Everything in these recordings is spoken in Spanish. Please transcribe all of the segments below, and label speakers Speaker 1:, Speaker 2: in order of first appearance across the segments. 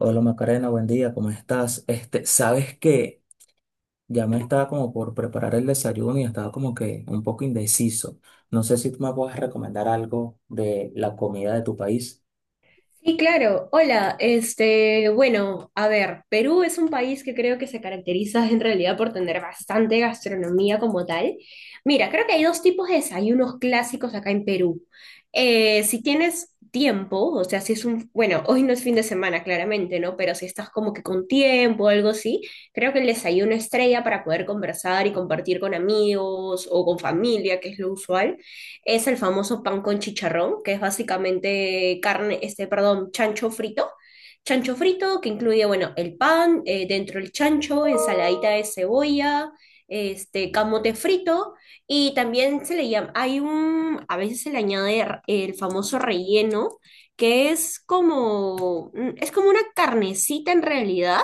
Speaker 1: Hola Macarena, buen día, ¿cómo estás? Este, ¿sabes qué? Ya me estaba como por preparar el desayuno y estaba como que un poco indeciso. No sé si tú me puedes recomendar algo de la comida de tu país.
Speaker 2: Sí, claro. Hola, bueno, a ver, Perú es un país que creo que se caracteriza en realidad por tener bastante gastronomía como tal. Mira, creo que hay dos tipos de desayunos clásicos acá en Perú. Si tienes tiempo, o sea, si es un, bueno, hoy no es fin de semana, claramente, ¿no? Pero si estás como que con tiempo o algo así, creo que el desayuno estrella para poder conversar y compartir con amigos o con familia, que es lo usual, es el famoso pan con chicharrón, que es básicamente carne, perdón, chancho frito. Chancho frito que incluye, bueno, el pan, dentro el chancho, ensaladita de cebolla, camote frito, y también se le llama, hay un, a veces se le añade el famoso relleno, que es como, es como una carnecita en realidad,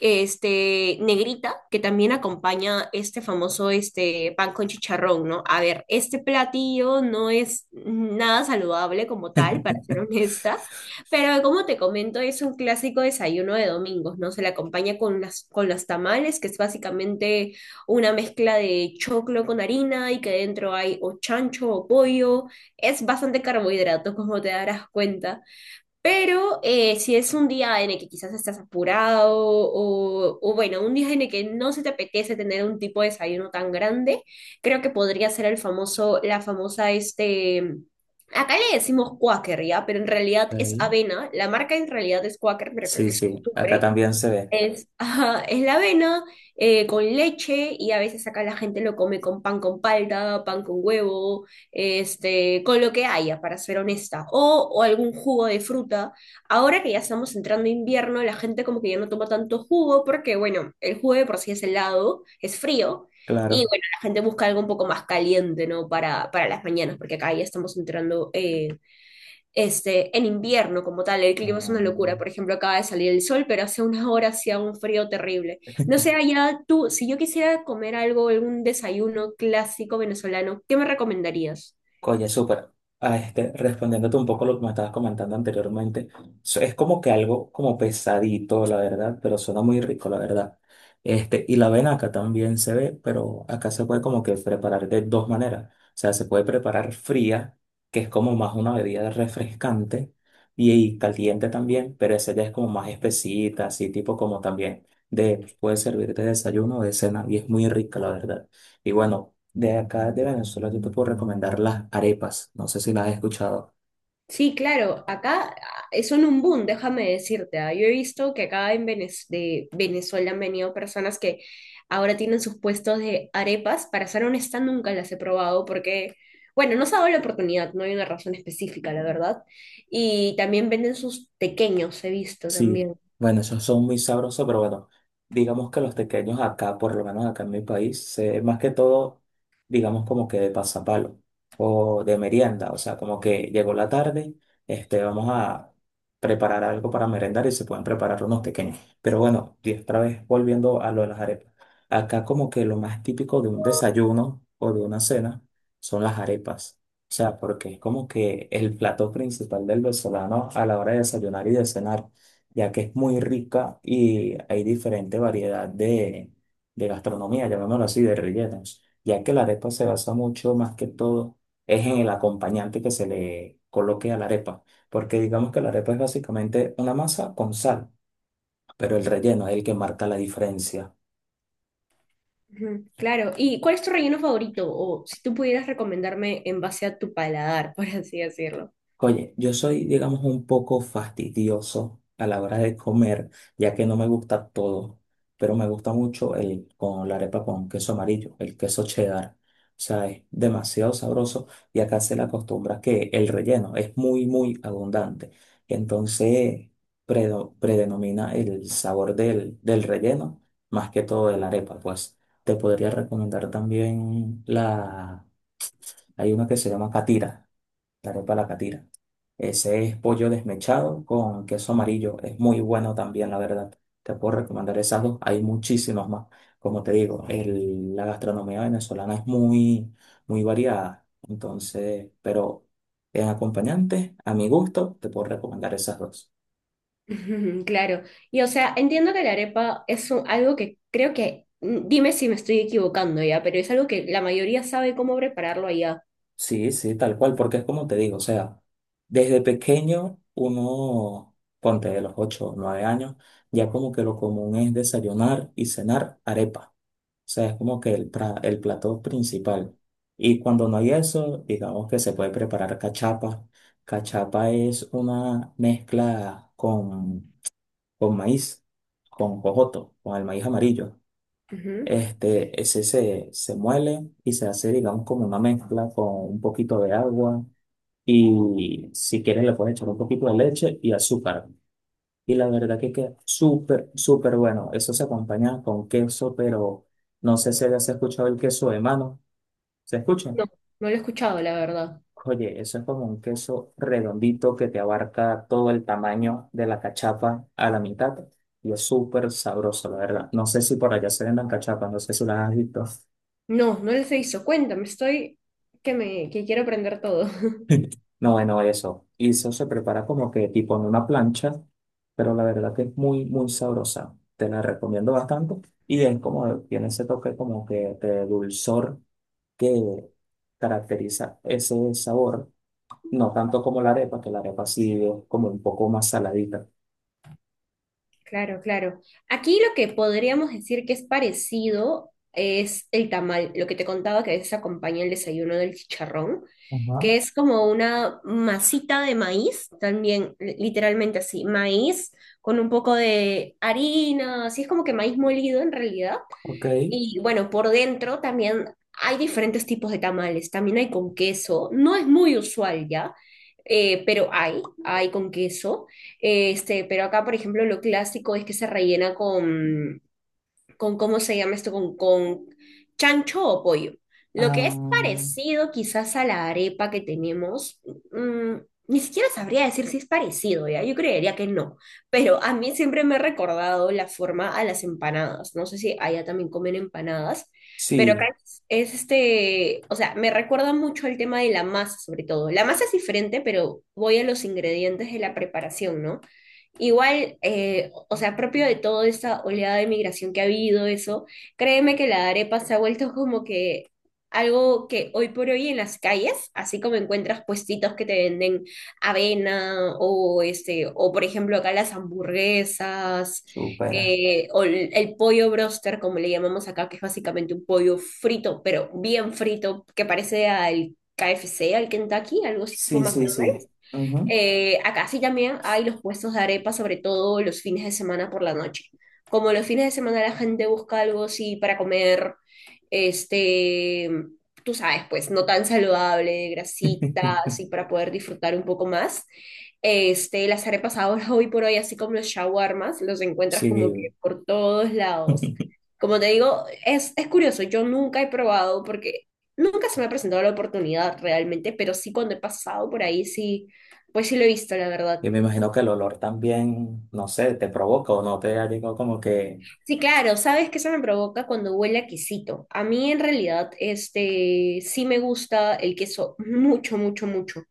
Speaker 2: negrita, que también acompaña este famoso, pan con chicharrón, ¿no? A ver, este platillo no es nada saludable como tal, para ser honesta, pero como te comento, es un clásico desayuno de domingos, ¿no? Se le acompaña con las, con los tamales, que es básicamente una mezcla de choclo con harina y que dentro hay o chancho o pollo, es bastante carbohidrato, como te darás cuenta. Pero si es un día en el que quizás estás apurado o bueno, un día en el que no se te apetece tener un tipo de desayuno tan grande, creo que podría ser el famoso, la famosa, acá le decimos Quaker, ¿ya? Pero en realidad es
Speaker 1: Ok.
Speaker 2: avena, la marca en realidad es Quaker, pero creo
Speaker 1: Sí,
Speaker 2: que es
Speaker 1: sí, acá
Speaker 2: costumbre,
Speaker 1: también se ve,
Speaker 2: es, ajá, es la avena con leche, y a veces acá la gente lo come con pan con palta, pan con huevo, con lo que haya, para ser honesta, o algún jugo de fruta. Ahora que ya estamos entrando a invierno, la gente como que ya no toma tanto jugo porque, bueno, el jugo de por sí es helado, es frío, y
Speaker 1: claro.
Speaker 2: bueno, la gente busca algo un poco más caliente, ¿no? Para las mañanas, porque acá ya estamos entrando en invierno como tal, el clima es una locura.
Speaker 1: Mm.
Speaker 2: Por ejemplo, acaba de salir el sol, pero hace unas horas hacía un frío terrible. No sé, allá tú, si yo quisiera comer algo, algún desayuno clásico venezolano, ¿qué me recomendarías?
Speaker 1: Oye, súper. Ah, este, respondiéndote un poco lo que me estabas comentando anteriormente, es como que algo como pesadito, la verdad, pero suena muy rico, la verdad. Este, y la venaca también se ve, pero acá se puede como que preparar de dos maneras. O sea, se puede preparar fría, que es como más una bebida refrescante, y caliente también, pero esa ya es como más espesita, así tipo como también de, puede servirte de desayuno o de cena, y es muy rica, la verdad. Y bueno. De acá de Venezuela yo te puedo recomendar las arepas. No sé si las has escuchado.
Speaker 2: Sí, claro, acá ah, son un boom, déjame decirte. Ah. Yo he visto que acá en de Venezuela han venido personas que ahora tienen sus puestos de arepas. Para ser honesta, nunca las he probado porque, bueno, no se ha dado la oportunidad, no hay una razón específica, la verdad. Y también venden sus pequeños, he visto
Speaker 1: Sí,
Speaker 2: también.
Speaker 1: bueno, esos son muy sabrosos, pero bueno, digamos que los tequeños acá, por lo menos acá en mi país, más que todo, digamos como que de pasapalo o de merienda, o sea, como que llegó la tarde, este, vamos a preparar algo para merendar y se pueden preparar unos tequeños. Pero bueno, y otra vez volviendo a lo de las arepas. Acá como que lo más típico de un desayuno o de una cena son las arepas. O sea, porque es como que el plato principal del venezolano a la hora de desayunar y de cenar ya que es muy rica y hay diferente variedad de, gastronomía, llamémoslo así, de rellenos, ya que la arepa se basa mucho más que todo es en el acompañante que se le coloque a la arepa, porque digamos que la arepa es básicamente una masa con sal, pero el relleno es el que marca la diferencia.
Speaker 2: Ujú, claro, ¿y cuál es tu relleno favorito? O si tú pudieras recomendarme en base a tu paladar, por así decirlo.
Speaker 1: Oye, yo soy, digamos, un poco fastidioso a la hora de comer, ya que no me gusta todo, pero me gusta mucho el con la arepa con queso amarillo, el queso cheddar. O sea, es demasiado sabroso y acá se le acostumbra que el relleno es muy, muy abundante. Entonces, predenomina el sabor del relleno más que todo de la arepa. Pues te podría recomendar también hay una que se llama catira la arepa de la catira. Ese es pollo desmechado con queso amarillo. Es muy bueno también, la verdad. Te puedo recomendar esas dos. Hay muchísimas más. Como te digo, la gastronomía venezolana es muy, muy variada. Entonces, pero en acompañante, a mi gusto, te puedo recomendar esas dos.
Speaker 2: Ujú, claro, y o sea, entiendo que la arepa es algo que creo que, mm, dime si me estoy equivocando ya, pero es algo que la mayoría sabe cómo prepararlo allá.
Speaker 1: Sí, sí, tal cual, porque es como te digo, o sea, desde pequeño uno, ponte de los 8, o 9 años, ya como que lo común es desayunar y cenar arepa. O sea, es como que el plato principal. Y cuando no hay eso, digamos que se puede preparar cachapa. Cachapa es una mezcla con, maíz, con jojoto, con el maíz amarillo.
Speaker 2: Ujú.
Speaker 1: Este, ese se muele y se hace, digamos, como una mezcla con un poquito de agua. Y si quieres, le puedes echar un poquito de leche y azúcar. Y la verdad que queda súper, súper bueno. Eso se acompaña con queso, pero no sé si has escuchado el queso de mano. ¿Se escucha?
Speaker 2: No, no lo he escuchado, la verdad.
Speaker 1: Oye, eso es como un queso redondito que te abarca todo el tamaño de la cachapa a la mitad. Y es súper sabroso, la verdad. No sé si por allá se vendan cachapas, no sé si las has visto.
Speaker 2: No, no les he visto. Cuéntame, estoy que quiero aprender todo.
Speaker 1: No, bueno, eso. Y eso se prepara como que tipo en una plancha, pero la verdad que es muy, muy sabrosa. Te la recomiendo bastante. Y es como, tiene ese toque como que de dulzor que caracteriza ese sabor. No tanto como la arepa, que la arepa sí es como un poco más saladita.
Speaker 2: Claro, claro. Aquí lo que podríamos decir que es parecido es el tamal, lo que te contaba que a veces acompaña el desayuno del chicharrón, que
Speaker 1: Ajá.
Speaker 2: es como una masita de maíz, también literalmente así, maíz con un poco de harina, así es como que maíz molido en realidad,
Speaker 1: Ok.
Speaker 2: y bueno, por dentro también hay diferentes tipos de tamales. También hay con queso. No es muy usual ya, pero hay con queso. Pero acá, por ejemplo, lo clásico es que se rellena con cómo se llama esto, con chancho o pollo. Lo que es
Speaker 1: Ah,
Speaker 2: parecido quizás a la arepa que tenemos, mm, ni siquiera sabría decir si es parecido, ¿ya? Yo creería que no, pero a mí siempre me ha recordado la forma a las empanadas. No sé si allá también comen empanadas, pero
Speaker 1: sí,
Speaker 2: acá es o sea, me recuerda mucho al tema de la masa, sobre todo. La masa es diferente, pero voy a los ingredientes de la preparación, ¿no? Igual, o sea, propio de toda esta oleada de migración que ha habido, eso, créeme que la arepa se ha vuelto como que algo que hoy por hoy en las calles, así como encuentras puestitos que te venden avena o o por ejemplo acá las hamburguesas,
Speaker 1: supera.
Speaker 2: o el pollo broster, como le llamamos acá, que es básicamente un pollo frito, pero bien frito, que parece al KFC, al Kentucky, algo así tipo
Speaker 1: Sí, sí, sí.
Speaker 2: McDonald's.
Speaker 1: Ujú.
Speaker 2: Acá sí también hay los puestos de arepa, sobre todo los fines de semana por la noche. Como los fines de semana la gente busca algo así para comer, este, tú sabes, pues no tan saludable, grasita, así para poder disfrutar un poco más. Las arepas ahora, hoy por hoy, así como los shawarmas, los encuentras como que
Speaker 1: Sí.
Speaker 2: por todos lados. Como te digo, es curioso, yo nunca he probado porque nunca se me ha presentado la oportunidad realmente, pero sí cuando he pasado por ahí, sí, pues sí lo he visto, la verdad.
Speaker 1: Y me imagino que el olor también, no sé, te provoca o no te ha llegado como que,
Speaker 2: Sí, claro, ¿sabes qué se me provoca cuando huele a quesito? A mí en realidad, sí me gusta el queso mucho, mucho, mucho.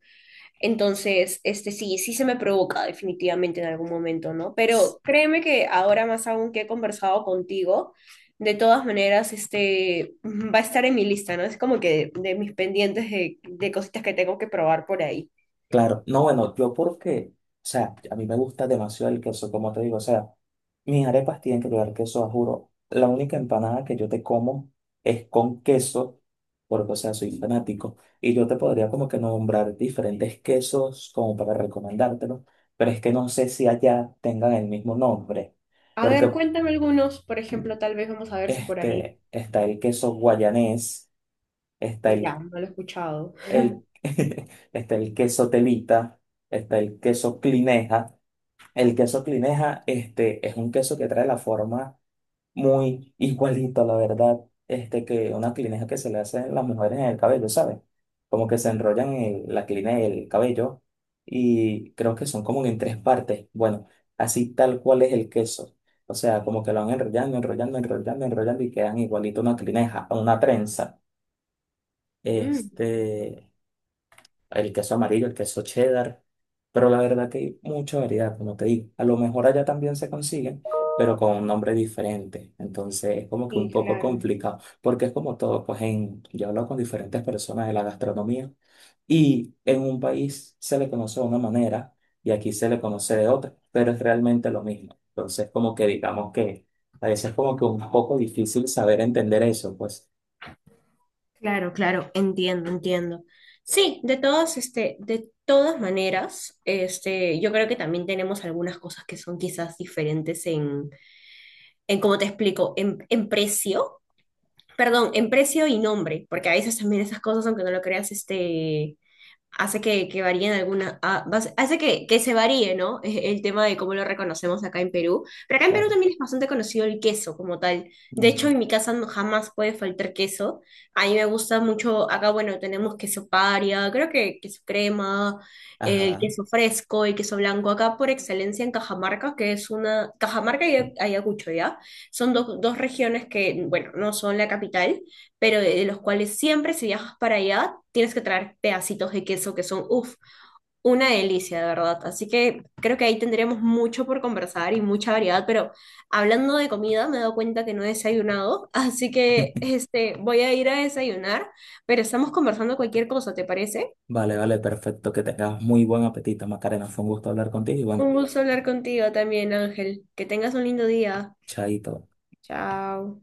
Speaker 2: Entonces, sí, sí se me provoca definitivamente en algún momento, ¿no?
Speaker 1: s-
Speaker 2: Pero créeme que ahora más aún que he conversado contigo, de todas maneras, va a estar en mi lista, ¿no? Es como que de mis pendientes de cositas que tengo que probar por ahí.
Speaker 1: claro, no, bueno, yo porque, o sea, a mí me gusta demasiado el queso, como te digo, o sea, mis arepas tienen que llevar queso, a juro. La única empanada que yo te como es con queso, porque, o sea, soy fanático, y yo te podría como que nombrar diferentes quesos como para recomendártelo, pero es que no sé si allá tengan el mismo nombre,
Speaker 2: A
Speaker 1: porque
Speaker 2: ver, cuéntame algunos, por
Speaker 1: mm,
Speaker 2: ejemplo, tal vez vamos a ver si por ahí.
Speaker 1: este, está el queso guayanés está
Speaker 2: Ya, no lo he escuchado.
Speaker 1: el, está el queso telita, está el queso clineja. El queso clineja, este, es un queso que trae la forma muy igualito, la verdad, este, que una clineja que se le hacen las mujeres en el cabello, ¿sabes? Como que se enrollan en la clineja el cabello y creo que son como en 3 partes. Bueno, así tal cual es el queso. O sea, como que lo van enrollando, enrollando, enrollando, enrollando y quedan igualito a una clineja, a una trenza.
Speaker 2: Mm,
Speaker 1: Este, el queso amarillo, el queso cheddar, pero la verdad que hay mucha variedad, como te digo. A lo mejor allá también se consiguen, pero con un nombre diferente. Entonces es como que un
Speaker 2: sí,
Speaker 1: poco
Speaker 2: claro.
Speaker 1: complicado, porque es como todo, pues yo he hablado con diferentes personas de la gastronomía y en un país se le conoce de una manera y aquí se le conoce de otra, pero es realmente lo mismo. Entonces como que digamos que a veces es como que un poco difícil saber entender eso, pues
Speaker 2: Claro, claro, entiendo, entiendo. Sí, de todas, de todas maneras, yo creo que también tenemos algunas cosas que son quizás diferentes en cómo te explico, en precio, perdón, en precio y nombre, porque a veces también esas cosas, aunque no lo creas, hace que varíen algunas, hace que se varíe, ¿no? El tema de cómo lo reconocemos acá en Perú. Pero acá en Perú
Speaker 1: claro.
Speaker 2: también es bastante conocido el queso como tal. De hecho,
Speaker 1: Mm.
Speaker 2: en mi casa jamás puede faltar queso. A mí me gusta mucho, acá, bueno, tenemos queso paria, creo que queso crema, el
Speaker 1: Ajá.
Speaker 2: queso fresco, el queso blanco. Acá por excelencia en Cajamarca, que es una... Cajamarca y Ayacucho, ¿ya? Son dos regiones que, bueno, no son la capital, pero de los cuales siempre si viajas para allá tienes que traer pedacitos de queso que son, uff, una delicia, de verdad. Así que creo que ahí tendremos mucho por conversar y mucha variedad, pero hablando de comida me he dado cuenta que no he desayunado, así que voy a ir a desayunar, pero estamos conversando cualquier cosa, ¿te parece?
Speaker 1: Vale, vale, perfecto. Que tengas muy buen apetito, Macarena. Fue un gusto hablar contigo y
Speaker 2: Un
Speaker 1: bueno,
Speaker 2: gusto hablar contigo también, Ángel. Que tengas un lindo día.
Speaker 1: chaito.
Speaker 2: Chao.